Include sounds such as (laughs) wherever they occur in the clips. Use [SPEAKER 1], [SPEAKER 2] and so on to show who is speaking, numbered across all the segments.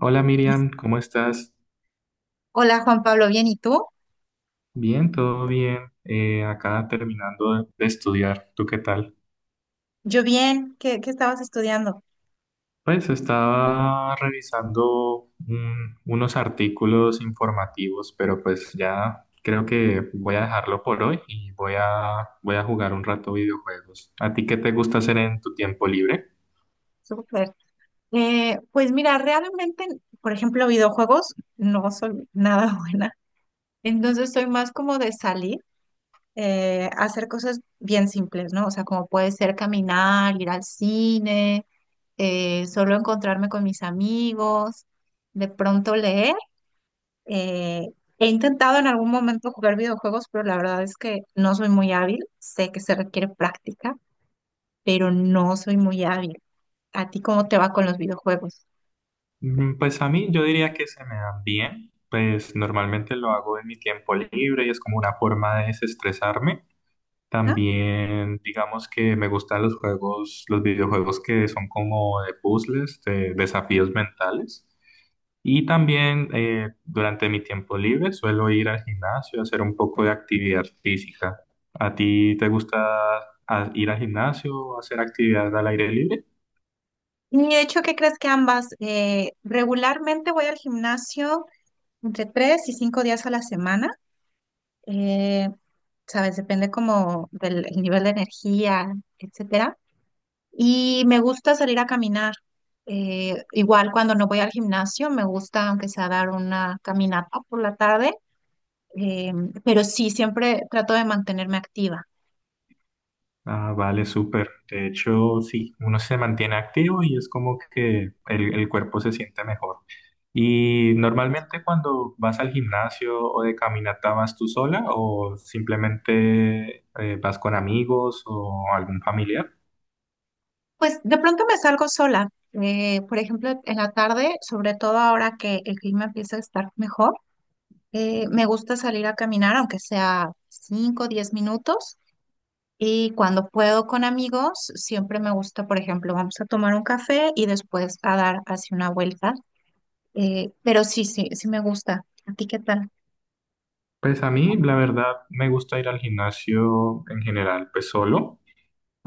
[SPEAKER 1] Hola Miriam, ¿cómo estás?
[SPEAKER 2] Hola Juan Pablo, ¿bien? ¿Y tú?
[SPEAKER 1] Bien, todo bien. Acá terminando de estudiar. ¿Tú qué tal?
[SPEAKER 2] Yo bien, ¿qué estabas estudiando?
[SPEAKER 1] Pues estaba revisando unos artículos informativos, pero pues ya creo que voy a dejarlo por hoy y voy voy a jugar un rato videojuegos. ¿A ti qué te gusta hacer en tu tiempo libre?
[SPEAKER 2] Súper. Pues mira, realmente, por ejemplo, videojuegos, no soy nada (laughs) buena. Entonces soy más como de salir, hacer cosas bien simples, ¿no? O sea, como puede ser caminar, ir al cine, solo encontrarme con mis amigos, de pronto leer. eh, He intentado en algún momento jugar videojuegos, pero la verdad es que no soy muy hábil, sé que se requiere práctica. Pero no soy muy hábil. ¿A ti cómo te va con los videojuegos?
[SPEAKER 1] Mm, pues a mí yo diría que se me dan bien. Pues normalmente lo hago en mi tiempo libre y es como una forma de desestresarme.
[SPEAKER 2] ¿Ah?
[SPEAKER 1] También, digamos que me gustan los juegos, los videojuegos que son como de puzzles, de desafíos mentales. Y también durante mi tiempo libre suelo ir al gimnasio a hacer un poco de actividad física. ¿A ti te gusta ir al gimnasio o hacer actividad al aire libre?
[SPEAKER 2] Y de hecho, ¿qué crees que ambas? Regularmente voy al gimnasio entre 3 y 5 días a la semana. Eh, ¿Sabes? Depende como del el nivel de energía, etcétera. Y me gusta salir a caminar. Igual cuando no voy al gimnasio, me gusta aunque sea dar una caminata por la tarde, eh, pero sí, siempre trato de mantenerme activa.
[SPEAKER 1] Ah, vale, súper. De hecho, sí, uno se mantiene activo y es como que el cuerpo se siente mejor. Y normalmente cuando vas al gimnasio o de caminata, ¿vas tú sola o simplemente vas con amigos o algún familiar?
[SPEAKER 2] Pues de pronto me salgo sola. Por ejemplo, en la tarde, sobre todo ahora que el clima empieza a estar mejor, me gusta salir a caminar, aunque sea 5, o 10 minutos. Y cuando puedo con amigos, siempre me gusta, por ejemplo, vamos a tomar un café y después a dar así una vuelta. Pero sí, sí, sí me gusta. ¿A ti qué tal?
[SPEAKER 1] Pues a mí, la verdad, me gusta ir al gimnasio en general, pues solo,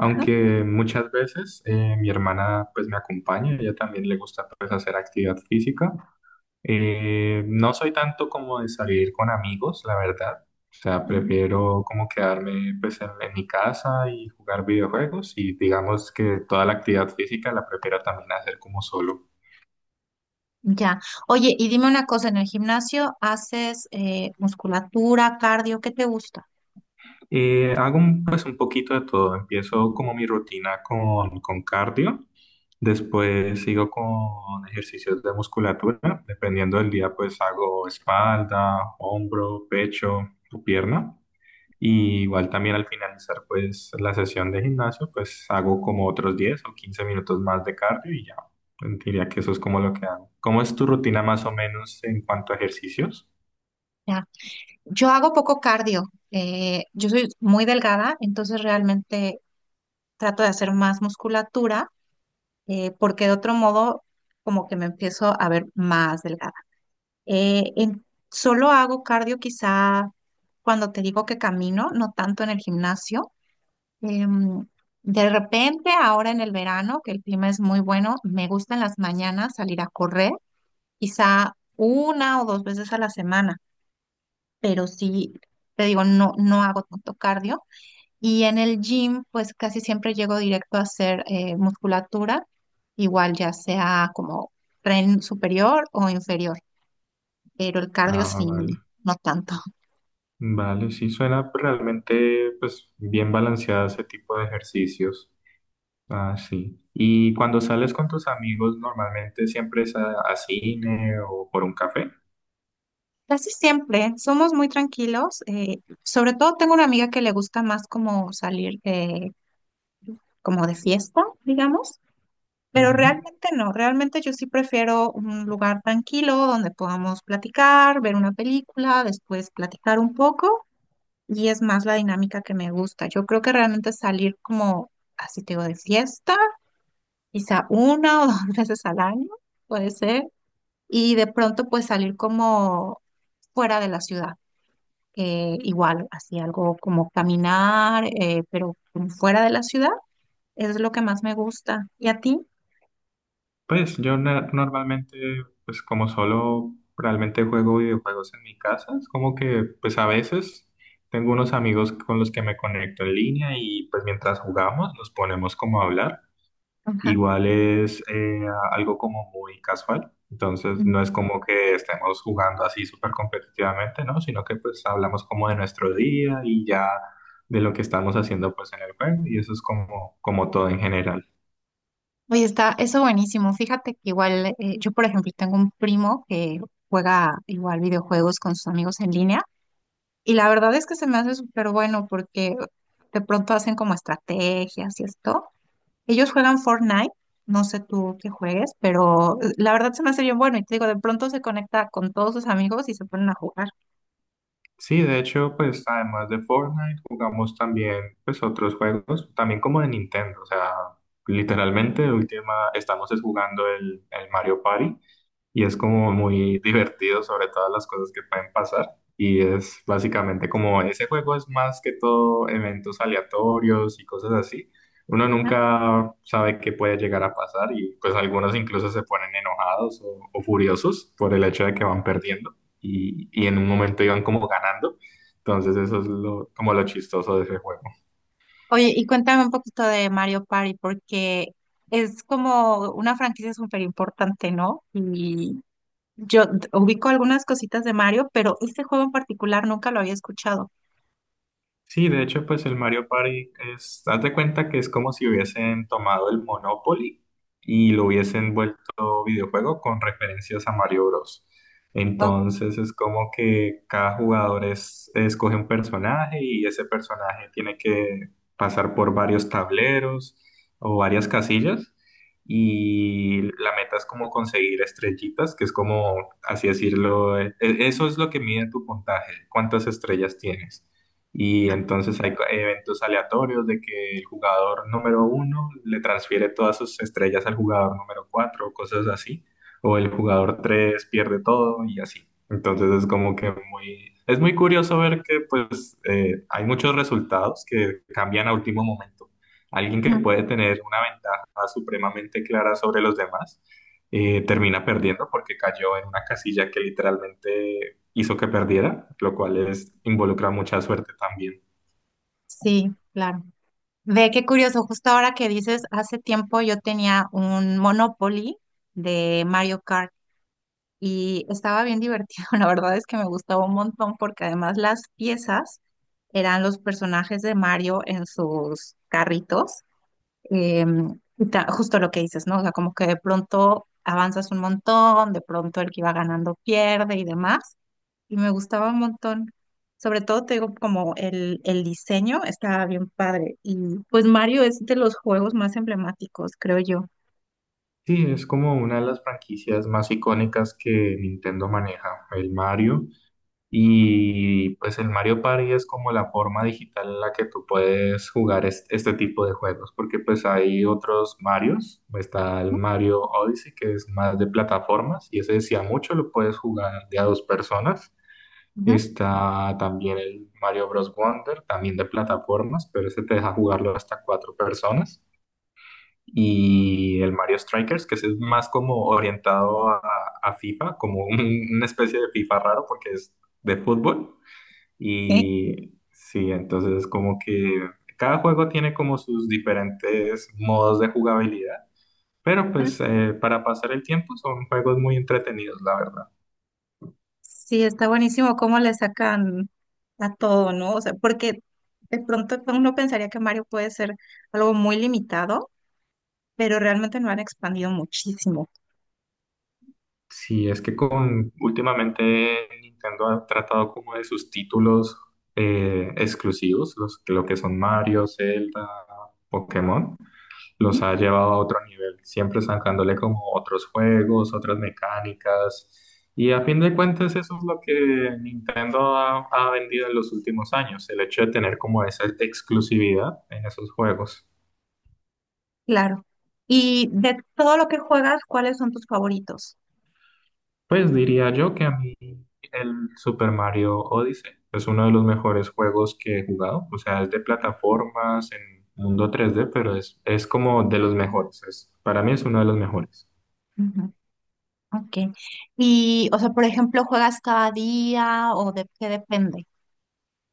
[SPEAKER 2] Ajá.
[SPEAKER 1] muchas veces mi hermana pues me acompaña, a ella también le gusta pues hacer actividad física. No soy tanto como de salir con amigos, la verdad. O sea,
[SPEAKER 2] Ujú.
[SPEAKER 1] prefiero como quedarme pues en mi casa y jugar videojuegos y digamos que toda la actividad física la prefiero también hacer como solo.
[SPEAKER 2] Ya. Oye, y dime una cosa, ¿en el gimnasio haces musculatura, cardio? ¿Qué te gusta?
[SPEAKER 1] Hago pues un poquito de todo. Empiezo como mi rutina con cardio, después sigo con ejercicios de musculatura, dependiendo del día pues hago espalda, hombro, pecho o pierna. Y igual también al finalizar pues la sesión de gimnasio, pues hago como otros 10 o 15 minutos más de cardio y ya. Pues, diría que eso es como lo que hago. ¿Cómo es tu rutina más o menos en cuanto a ejercicios?
[SPEAKER 2] Yo hago poco cardio. Yo soy muy delgada, entonces realmente trato de hacer más musculatura, porque de otro modo como que me empiezo a ver más delgada. Eh, en- Solo hago cardio quizá cuando te digo que camino, no tanto en el gimnasio. Em, de repente, ahora en el verano, que el clima es muy bueno, me gusta en las mañanas salir a correr, quizá una o dos veces a la semana, pero sí, te digo, no, no hago tanto cardio. Y en el gym, pues casi siempre llego directo a hacer musculatura, igual ya sea como tren superior o inferior, pero el cardio
[SPEAKER 1] Ah,
[SPEAKER 2] sí,
[SPEAKER 1] vale.
[SPEAKER 2] no tanto. (laughs)
[SPEAKER 1] Vale, sí suena pues, realmente pues bien balanceada ese tipo de ejercicios. Ah, sí. ¿Y cuando sales con tus amigos normalmente siempre es a cine o por un café?
[SPEAKER 2] Casi siempre somos muy tranquilos, sobre todo tengo una amiga que le gusta más como salir como de fiesta, digamos, pero
[SPEAKER 1] Ujú.
[SPEAKER 2] realmente no, realmente yo sí prefiero un lugar tranquilo donde podamos platicar, ver una película, después platicar un poco. Y es más la dinámica que me gusta. Yo creo que realmente salir como, así te digo, de fiesta, quizá una o (laughs) dos veces al año, puede ser, y de pronto pues salir como fuera de la ciudad, que igual, así algo como caminar, pero como fuera de la ciudad, es lo que más me gusta. ¿Y a ti?
[SPEAKER 1] Pues yo normalmente, pues como solo realmente juego videojuegos en mi casa, es como que pues a veces tengo unos amigos con los que me conecto en línea y pues mientras jugamos nos ponemos como a hablar.
[SPEAKER 2] Ajá.
[SPEAKER 1] Igual es algo como muy casual, entonces
[SPEAKER 2] Mm.
[SPEAKER 1] no es como que estemos jugando así súper competitivamente, ¿no? Sino que pues hablamos como de nuestro día y ya de lo que estamos haciendo pues en el juego y eso es como, como todo en general.
[SPEAKER 2] Oye, está eso buenísimo. Fíjate que igual, yo por ejemplo tengo un primo que juega igual videojuegos con sus amigos en línea. Y la verdad es que se me hace súper bueno porque de pronto hacen como estrategias y esto. Ellos juegan Fortnite, no sé tú qué juegues, pero la verdad se me hace bien bueno. Y te digo, de pronto se conecta con todos sus amigos y se ponen a jugar.
[SPEAKER 1] Sí, de hecho, pues además de Fortnite, jugamos también pues otros juegos, también como de Nintendo, o sea, literalmente última estamos es jugando el Mario Party, y es como muy divertido sobre todas las cosas que pueden pasar. Y es básicamente como ese juego es más que todo eventos aleatorios y cosas así. Uno
[SPEAKER 2] ¿No?
[SPEAKER 1] nunca sabe qué puede llegar a pasar y pues algunos incluso se ponen enojados o furiosos por el hecho de que van perdiendo y en un momento iban como ganando. Entonces eso es lo, como lo chistoso de ese juego.
[SPEAKER 2] Oye, y cuéntame un poquito de Mario Party porque es como una franquicia súper importante, ¿no? Y ubico algunas cositas de Mario, pero este juego en particular nunca lo había escuchado.
[SPEAKER 1] Sí, de hecho, pues el Mario Party es, haz de cuenta que es como si hubiesen tomado el Monopoly y lo hubiesen vuelto videojuego con referencias a Mario Bros.
[SPEAKER 2] Guau.
[SPEAKER 1] Entonces es como que cada jugador es, escoge un personaje y ese personaje tiene que pasar por varios tableros o varias casillas y la meta es como conseguir estrellitas, que es como, así decirlo, eso es lo que mide tu puntaje, cuántas estrellas tienes. Y entonces hay eventos aleatorios de que el jugador número uno le transfiere todas sus estrellas al jugador número cuatro o cosas así. O el jugador tres pierde todo y así. Entonces es como que muy... Es muy curioso ver que pues hay muchos resultados que cambian a último momento. Alguien que
[SPEAKER 2] Ajá.
[SPEAKER 1] puede tener una ventaja supremamente clara sobre los demás termina perdiendo porque cayó en una casilla que literalmente hizo que perdiera, lo cual es, involucra mucha suerte también.
[SPEAKER 2] Sí, claro. Ve qué curioso, justo ahora que dices, hace tiempo yo tenía un Monopoly de Mario Kart y estaba bien divertido, (laughs) la verdad es que me gustaba un montón porque además las piezas eran los personajes de Mario en sus carritos. Justo lo que dices, ¿no? O sea, como que de pronto avanzas un montón, de pronto el que iba ganando pierde y demás y me gustaba un montón. Sobre todo, te digo, como el diseño estaba bien padre. Y pues Mario es de los juegos más emblemáticos, creo yo.
[SPEAKER 1] Sí, es como una de las franquicias más icónicas que Nintendo maneja, el Mario. Y pues el Mario Party es como la forma digital en la que tú puedes jugar este, tipo de juegos, porque pues hay otros Marios, está el
[SPEAKER 2] ¿No?
[SPEAKER 1] Mario Odyssey, que es más de plataformas, y ese decía mucho, lo puedes jugar de a dos personas.
[SPEAKER 2] Ujú.
[SPEAKER 1] Está también el Mario Bros. Wonder, también de plataformas, pero ese te deja jugarlo hasta cuatro personas. Y el Mario Strikers, que ese es más como orientado a FIFA, como una especie de FIFA raro porque es de fútbol.
[SPEAKER 2] Sí.
[SPEAKER 1] Y sí, entonces como que cada juego tiene como sus diferentes modos de jugabilidad, pero pues para pasar el tiempo son juegos muy entretenidos, la verdad.
[SPEAKER 2] Sí, está buenísimo cómo le sacan a todo, ¿no? O sea, porque de pronto uno pensaría que Mario puede ser algo muy limitado, pero realmente lo han expandido muchísimo.
[SPEAKER 1] Sí, es que con últimamente Nintendo ha tratado como de sus títulos exclusivos, los, lo que son Mario, Zelda, Pokémon, los
[SPEAKER 2] Ujú.
[SPEAKER 1] ha llevado a otro nivel, siempre sacándole como otros juegos, otras mecánicas. Y a fin de cuentas eso es lo que Nintendo ha vendido en los últimos años, el hecho de tener como esa exclusividad en esos juegos.
[SPEAKER 2] Claro. Y de todo lo que juegas, ¿cuáles son tus favoritos?
[SPEAKER 1] Pues diría yo que a mí el Super Mario Odyssey es uno de los mejores juegos que he jugado. O sea, es de plataformas en mundo 3D, pero es como de los mejores. Es, para mí es uno de los mejores.
[SPEAKER 2] Ujú. Ok. Y, o sea, por ejemplo, ¿juegas cada día o de qué depende?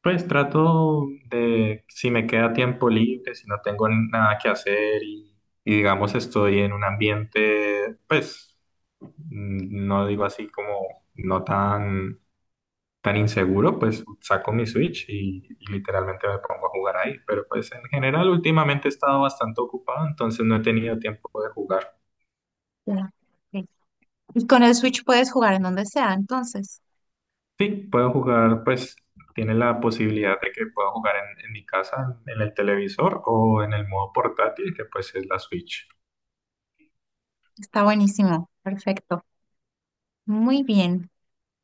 [SPEAKER 1] Pues trato de, si me queda tiempo libre, si no tengo nada que hacer y digamos estoy en un ambiente, pues mm, no digo así como no tan tan inseguro, pues saco mi Switch y literalmente me pongo a jugar ahí. Pero pues en general últimamente he estado bastante ocupado, entonces no he tenido tiempo de jugar.
[SPEAKER 2] Ya, ok. Y con el Switch puedes jugar en donde sea, entonces.
[SPEAKER 1] Sí, puedo jugar, pues tiene la posibilidad de que pueda jugar en mi casa, en el televisor o en el modo portátil, que pues es la Switch.
[SPEAKER 2] Está buenísimo. Perfecto. Muy bien.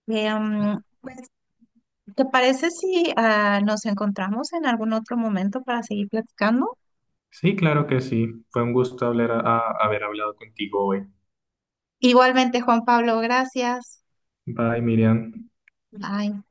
[SPEAKER 2] Pues, ¿te parece si nos encontramos en algún otro momento para seguir platicando?
[SPEAKER 1] Sí, claro que sí. Fue un gusto hablar haber hablado contigo hoy.
[SPEAKER 2] Igualmente, Juan Pablo, gracias.
[SPEAKER 1] Bye, Miriam.
[SPEAKER 2] Bye.